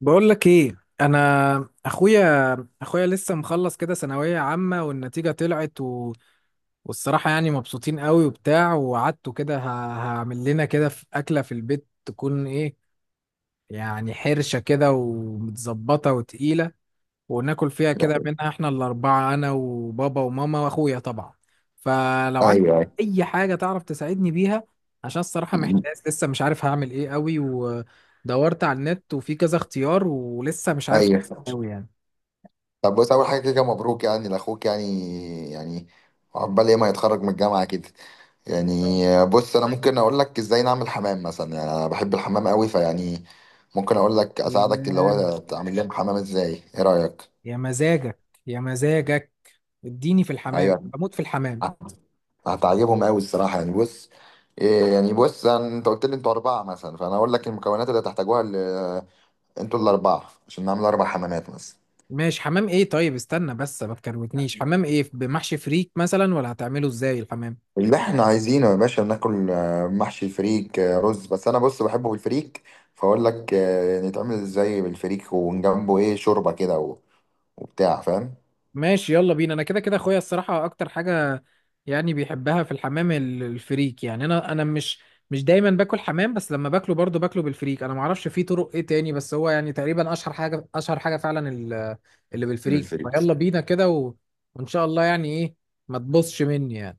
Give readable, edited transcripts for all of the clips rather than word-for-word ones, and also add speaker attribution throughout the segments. Speaker 1: بقول لك ايه؟ انا اخويا، اخويا لسه مخلص كده ثانويه عامه والنتيجه طلعت والصراحه يعني مبسوطين قوي وبتاع، وقعدته كده هعمل لنا كده في اكله في البيت تكون ايه؟ يعني حرشه كده ومتظبطه وتقيله، وناكل فيها كده
Speaker 2: ايوه،
Speaker 1: منها احنا الأربعة، أنا وبابا وماما وأخويا طبعا. فلو عندك
Speaker 2: ايوه.
Speaker 1: أي حاجة تعرف تساعدني بيها، عشان الصراحة
Speaker 2: م- م.
Speaker 1: محتاج، لسه مش عارف هعمل إيه قوي، ودورت على النت وفي كذا اختيار ولسه مش عارف
Speaker 2: ايوه.
Speaker 1: قوي يعني.
Speaker 2: طب بص، اول حاجه كده مبروك يعني لاخوك يعني عقبال ايه ما يتخرج من الجامعه كده. يعني بص، انا ممكن اقول لك ازاي نعمل حمام مثلا، يعني انا بحب الحمام قوي فيعني ممكن اقول لك اساعدك اللي
Speaker 1: الحمام؟
Speaker 2: هو تعمل لهم حمام ازاي، ايه رايك؟
Speaker 1: يا مزاجك، يا مزاجك، اديني في الحمام،
Speaker 2: ايوه،
Speaker 1: بموت في الحمام.
Speaker 2: هتعجبهم قوي الصراحه يعني. بص إيه، يعني بص انت قلت لي انتوا اربعه مثلا، فانا اقول لك المكونات اللي هتحتاجوها انتوا الاربعه عشان نعمل اربع حمامات مثلا.
Speaker 1: ماشي، حمام ايه؟ طيب استنى بس، ما تكروتنيش، حمام ايه؟ بمحشي فريك مثلا ولا هتعمله ازاي الحمام؟
Speaker 2: اللي احنا عايزينه يا باشا ناكل محشي الفريك رز، بس انا بص بحبه بالفريك. فاقول لك نتعمل ازاي بالفريك، وجنبه ايه شوربه كده و- وبتاع فاهم.
Speaker 1: ماشي يلا بينا، انا كده كده اخويا الصراحه اكتر حاجه يعني بيحبها في الحمام ال- الفريك. يعني انا مش مش دايما باكل حمام، بس لما باكله برضه باكله بالفريك. انا ما اعرفش في طرق ايه تاني، بس هو يعني تقريبا اشهر حاجه، اشهر حاجه فعلا ال- اللي بالفريك.
Speaker 2: بالفريك.
Speaker 1: فيلا بينا كده وان شاء الله يعني ايه، ما تبصش مني يعني.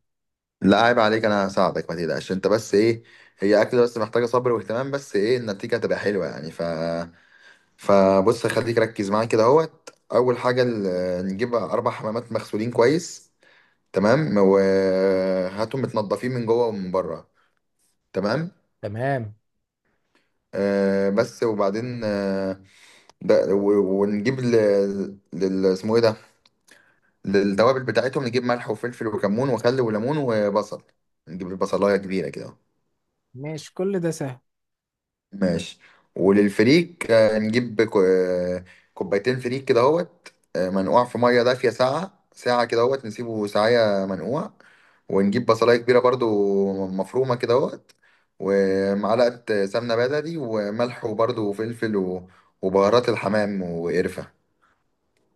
Speaker 2: لا عيب عليك، انا هساعدك ما تقلقش. انت بس ايه، هي اكل بس محتاجه صبر واهتمام، بس ايه النتيجه هتبقى حلوه يعني. ف فبص خليك ركز معايا كده اهوت. اول حاجه نجيب اربع حمامات مغسولين كويس. تمام، وهاتهم متنضفين من جوه ومن بره. تمام.
Speaker 1: تمام.
Speaker 2: بس وبعدين ده ونجيب ل- لل اسمه ايه ده، للتوابل بتاعتهم نجيب ملح وفلفل وكمون وخل وليمون وبصل. نجيب البصلايه كبيره كده.
Speaker 1: ماشي، كل ده سهل.
Speaker 2: ماشي، وللفريك نجيب كوبايتين فريك كده اهوت، منقوع في ميه دافيه ساعه ساعه كده اهوت، نسيبه ساعه منقوع. ونجيب بصلايه كبيره برضو مفرومه كده اهوت، ومعلقه سمنه بلدي وملح وبرضو وفلفل و- وبهارات الحمام وقرفه.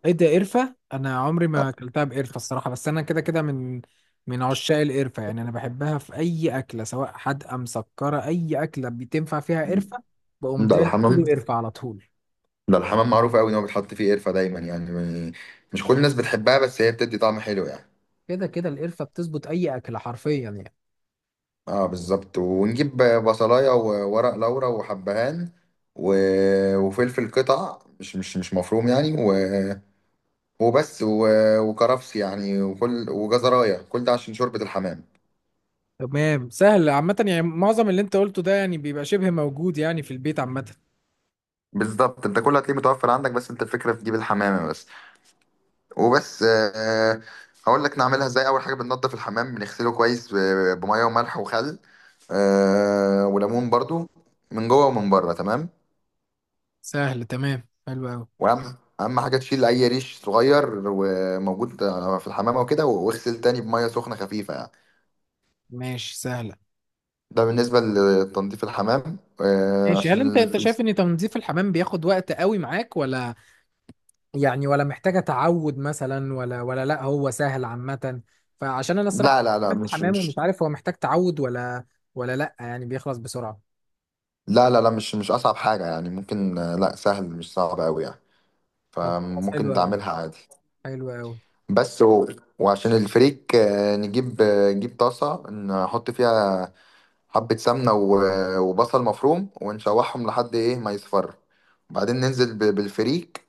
Speaker 1: ايه ده؟ قرفة؟ انا عمري ما اكلتها بقرفة الصراحة، بس انا كده كده من عشاق القرفة، يعني انا بحبها في اي اكلة، سواء حادقة مسكرة، اي اكلة بتنفع فيها قرفة بقوم
Speaker 2: ده
Speaker 1: دالك
Speaker 2: الحمام
Speaker 1: كيلو قرفة على طول.
Speaker 2: ده الحمام معروف قوي ان هو بيتحط فيه قرفه دايما يعني. مش كل الناس بتحبها، بس هي بتدي طعم حلو يعني.
Speaker 1: كده كده القرفة بتظبط اي اكلة حرفيا يعني.
Speaker 2: اه، بالظبط. ونجيب بصلايه وورق لورا وحبهان و... وفلفل قطع مش مفروم يعني، وبس، وكرفس يعني، وكل وجزرايه، كل ده عشان شوربه الحمام.
Speaker 1: تمام، سهل عامة، يعني معظم اللي انت قلته ده يعني بيبقى شبه موجود يعني في البيت عامة.
Speaker 2: بالظبط. انت كل هتلاقيه متوفر عندك، بس انت الفكره في تجيب الحمامه بس، وبس. هقول لك نعملها ازاي. اول حاجه بننضف الحمام، بنغسله كويس ب- بميه وملح وخل، وليمون برضو، من جوه ومن بره. تمام.
Speaker 1: سهل، تمام، حلو قوي.
Speaker 2: واهم حاجه تشيل اي ريش صغير وموجود في الحمامه وكده، واغسل تاني بميه سخنه خفيفه يعني.
Speaker 1: ماشي، سهلة.
Speaker 2: ده بالنسبه لتنظيف الحمام.
Speaker 1: ماشي، هل انت انت شايف ان تنظيف الحمام بياخد وقت قوي معاك، ولا يعني، ولا محتاجة تعود مثلا، ولا ولا لا، هو سهل عامة؟ فعشان انا الصراحة
Speaker 2: لا، لا، لا،
Speaker 1: عملت
Speaker 2: مش
Speaker 1: حمام ومش
Speaker 2: مش
Speaker 1: عارف، هو محتاج تعود ولا ولا لا، يعني بيخلص بسرعة؟
Speaker 2: لا، لا، لا، مش اصعب حاجه يعني، ممكن لا، سهل مش صعب قوي يعني،
Speaker 1: طب خلاص، حلو
Speaker 2: فممكن
Speaker 1: قوي،
Speaker 2: تعملها عادي.
Speaker 1: حلو قوي.
Speaker 2: بس، و... وعشان الفريك نجيب نجيب طاسه نحط فيها حبه سمنه و- وبصل مفروم، ونشوحهم لحد ايه ما يصفر. وبعدين ننزل ب- بالفريك.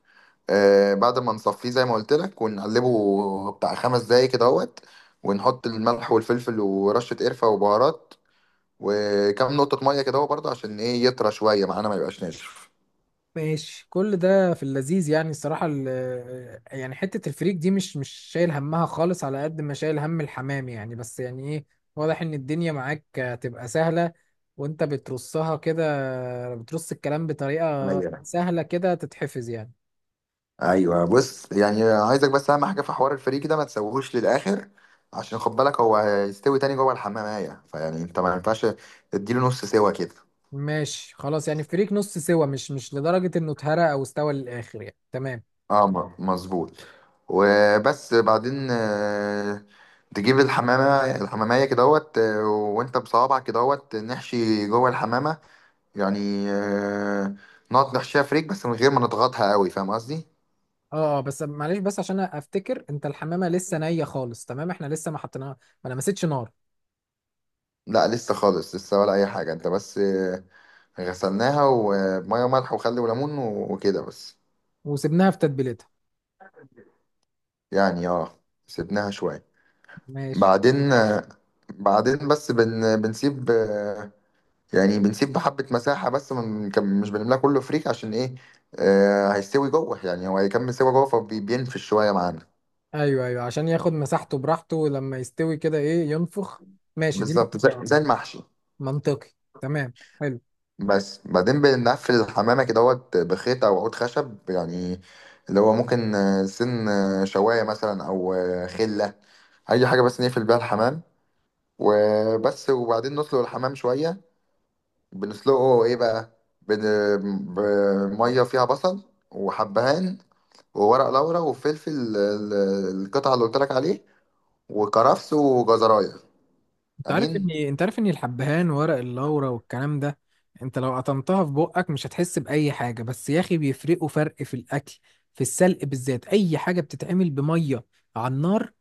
Speaker 2: بعد ما نصفيه زي ما قلت لك، ونقلبه بتاع 5 دقايق كده اهوت، ونحط الملح والفلفل ورشة قرفة وبهارات، وكم نقطة مية كده اهو برضه، عشان ايه يطرى شوية معانا ما يبقاش ناشف.
Speaker 1: ماشي، كل ده في اللذيذ يعني الصراحة، ال- يعني حتة الفريك دي مش شايل همها خالص على قد ما شايل هم الحمام يعني. بس يعني ايه، واضح ان الدنيا معاك هتبقى سهلة، وانت بترصها كده، بترص الكلام بطريقة
Speaker 2: ايوه،
Speaker 1: سهلة كده تتحفظ يعني.
Speaker 2: ايوه. بص يعني، عايزك بس اهم حاجة في حوار الفريك ده ما تسويهوش للآخر، عشان خد بالك هو هيستوي تاني جوه الحمامية. فيعني انت ما ينفعش تديله نص سوا كده.
Speaker 1: ماشي خلاص، يعني فريق نص سوا، مش لدرجة انه اتهرى او استوى للاخر يعني، تمام.
Speaker 2: اه، مظبوط. وبس بعدين تجيب الحمامية كدهوت، وانت بصوابعك كدهوت نحشي جوه الحمامة يعني، نقعد نحشيها فريك بس من غير ما نضغطها قوي. فاهم قصدي؟
Speaker 1: اه اه، بس معلش، بس عشان افتكر، انت الحمامة لسه نية خالص؟ تمام، احنا لسه ما حطيناها، ما لمستش نار؟
Speaker 2: لا، لسه خالص، لسه ولا أي حاجة. انت بس غسلناها ومية وملح وخل وليمون و- وكده بس.
Speaker 1: وسبناها في تتبيلتها؟
Speaker 2: يعني اه، سيبناها شوية.
Speaker 1: ماشي.
Speaker 2: بعدين آه، بعدين بس بنسيب يعني بنسيب حبة مساحة بس من مش بنملاها كله فريك، عشان ايه؟ آه، هيستوي جوه يعني، هو هيكمل سوا جوه فبينفش شوية معانا.
Speaker 1: ايوه ايوه، عشان ياخد مساحته براحته لما يستوي كده، ايه، ينفخ. ماشي دي
Speaker 2: بالظبط، زي,
Speaker 1: م-
Speaker 2: زي المحشي.
Speaker 1: منطقي، تمام، حلو.
Speaker 2: بس بعدين بنقفل الحمامة كده اهوت بخيط او عود خشب يعني، اللي هو ممكن سن شواية مثلا، او خلة، اي حاجة بس نقفل بيها الحمام. وبس، وبعدين نسلق الحمام شوية. بنسلقه ايه بقى؟ بميه فيها بصل وحبهان وورق لورا وفلفل القطعه اللي قلت لك عليه، وكرفس وجزرايه.
Speaker 1: انت عارف
Speaker 2: امين.
Speaker 1: ان، انت عارف ان الحبهان وورق اللورا والكلام ده، انت لو قطمتها في بقك مش هتحس بأي حاجة، بس يا اخي بيفرقوا فرق في الأكل، في السلق بالذات، أي حاجة بتتعمل بمية على النار،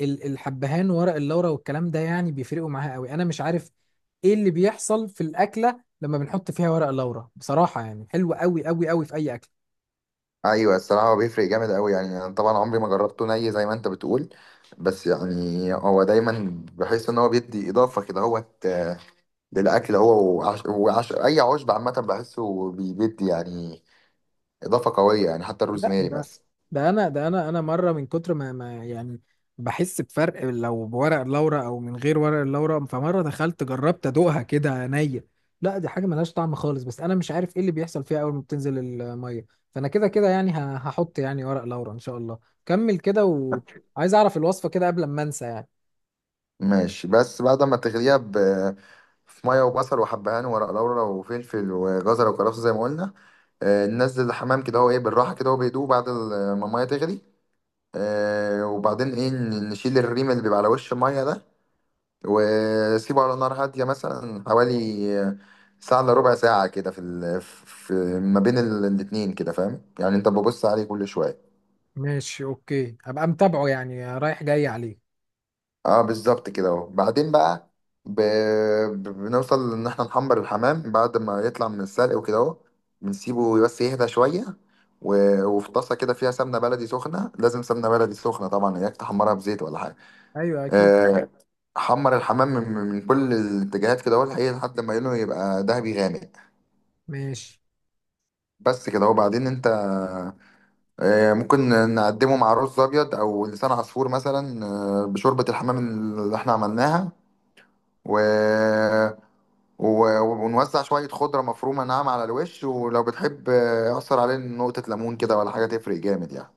Speaker 1: ال- الحبهان ورق اللورا والكلام ده يعني بيفرقوا معاها قوي. أنا مش عارف ايه اللي بيحصل في الأكلة لما بنحط فيها ورق اللورا بصراحة، يعني حلوة قوي قوي قوي في أي أكل.
Speaker 2: ايوه الصراحه، هو بيفرق جامد قوي يعني. انا طبعا عمري ما جربته ني زي ما انت بتقول، بس يعني هو دايما بحس ان هو بيدي اضافه كده هوت للاكل. هو اي عشب عامه بحسه بيدي يعني اضافه قويه يعني، حتى
Speaker 1: لا
Speaker 2: الروزماري
Speaker 1: ده،
Speaker 2: مثلا.
Speaker 1: ده انا مره من كتر ما يعني بحس بفرق لو بورق اللورا او من غير ورق اللورا، فمره دخلت جربت ادوقها كده عينيا، لا دي حاجه ملهاش طعم خالص. بس انا مش عارف ايه اللي بيحصل فيها اول ما بتنزل الميه. فانا كده كده يعني هحط يعني ورق لورا ان شاء الله. كمل كده، وعايز اعرف الوصفه كده قبل ما انسى يعني.
Speaker 2: ماشي. بس بعد ما تغليها في ميه وبصل وحبهان وورق لورا وفلفل وجزر وكرفس زي ما قلنا. ننزل الحمام كده هو ايه بالراحه كده، هو بيدوب بعد ما الميه تغلي. وبعدين ايه نشيل الريم اللي بيبقى على وش الميه ده، وسيبه على نار هاديه مثلا حوالي ساعه الا ربع ساعه كده، في في ما بين الاتنين كده. فاهم يعني؟ انت ببص عليه كل شويه.
Speaker 1: ماشي اوكي، ابقى متابعه يعني، رايح جاي عليه.
Speaker 2: اه بالظبط كده اهو. بعدين بقى ب... بنوصل ان احنا نحمر الحمام بعد ما يطلع من السلق وكده اهو، بنسيبه بس يهدى شويه، و... وفي طاسه كده فيها سمنه بلدي سخنه. لازم سمنه بلدي سخنه طبعا، اياك تحمرها بزيت ولا حاجه.
Speaker 1: ايوه اكيد.
Speaker 2: آه حمر الحمام من كل الاتجاهات كده اهو لحقيقة، لحد ما لونه يبقى ذهبي غامق.
Speaker 1: ماشي.
Speaker 2: بس كده اهو. بعدين انت ممكن نقدمه مع رز ابيض او لسان عصفور مثلا، بشوربه الحمام اللي احنا عملناها، و... و... ونوزع شوية خضرة مفرومة ناعمة على الوش. ولو بتحب أعصر عليه نقطة ليمون كده ولا حاجة تفرق جامد يعني.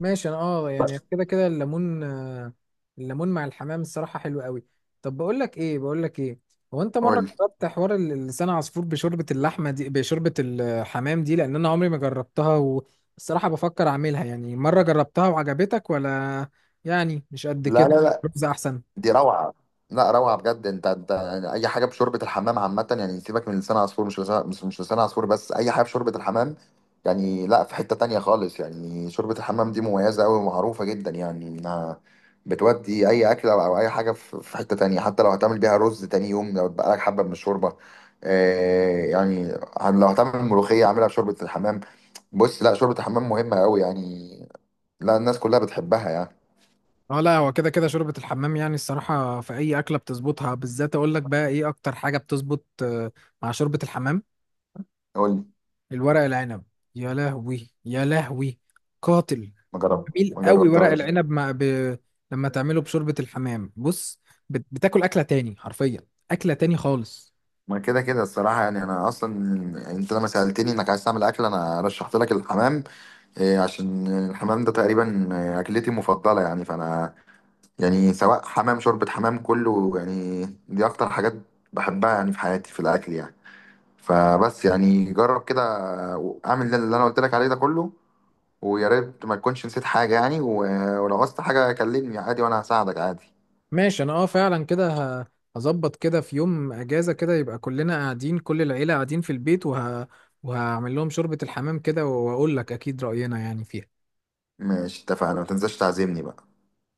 Speaker 1: ماشي، انا اه يعني
Speaker 2: بس
Speaker 1: كده كده الليمون، الليمون مع الحمام الصراحة حلو قوي. طب بقول لك ايه، بقول لك ايه، هو انت مرة
Speaker 2: قول لي.
Speaker 1: جربت حوار ال- لسان عصفور بشوربة اللحمة دي، بشوربة الحمام دي؟ لان انا عمري ما جربتها، والصراحة بفكر اعملها. يعني مرة جربتها وعجبتك ولا يعني مش قد
Speaker 2: لا، لا،
Speaker 1: كده؟
Speaker 2: لا،
Speaker 1: رز احسن؟
Speaker 2: دي روعه. لا روعه بجد. انت يعني اي حاجه بشوربه الحمام عامه يعني، سيبك من لسان عصفور. مش لسان مش مش لسان عصفور بس، اي حاجه بشوربه الحمام. يعني لا، في حته تانية خالص يعني. شوربه الحمام دي مميزه قوي ومعروفه جدا يعني، انها بتودي اي اكله او اي حاجه في حته تانية، حتى لو هتعمل بيها رز تاني يوم لو اتبقى لك حبه من الشوربه. آه يعني، لو هتعمل ملوخيه اعملها بشوربه الحمام. بص لا، شوربه الحمام مهمه قوي يعني، لا الناس كلها بتحبها يعني.
Speaker 1: اه لا، هو كده كده شوربة الحمام يعني الصراحة في اي اكلة بتظبطها. بالذات اقول لك بقى ايه اكتر حاجة بتظبط مع شوربة الحمام؟
Speaker 2: قول لي.
Speaker 1: الورق العنب. يا لهوي، يا لهوي، قاتل. جميل
Speaker 2: ما
Speaker 1: قوي ورق
Speaker 2: جربتهاش.
Speaker 1: العنب مع لما تعمله بشوربة الحمام، بص، بتاكل أكلة تاني حرفيا، أكلة تاني خالص.
Speaker 2: ما كده كده الصراحة يعني، أنا أصلا أنت لما سألتني إنك عايز تعمل أكل أنا رشحت لك الحمام، عشان الحمام ده تقريبا أكلتي المفضلة يعني. فأنا يعني سواء حمام شوربة حمام، كله يعني دي أكتر حاجات بحبها يعني في حياتي في الأكل يعني. فبس يعني جرب كده، أعمل اللي أنا قلت لك عليه ده كله، ويا ريت ما تكونش نسيت حاجة يعني. و- ولو عوزت حاجة كلمني عادي، وأنا هساعدك عادي.
Speaker 1: ماشي أنا أه فعلا كده، ه... هظبط كده في يوم أجازة كده، يبقى كلنا قاعدين، كل العيلة قاعدين في البيت، وهعمل لهم شوربة الحمام كده وأقول لك أكيد رأينا يعني فيها.
Speaker 2: ماشي اتفقنا، ما تنساش تعزمني بقى.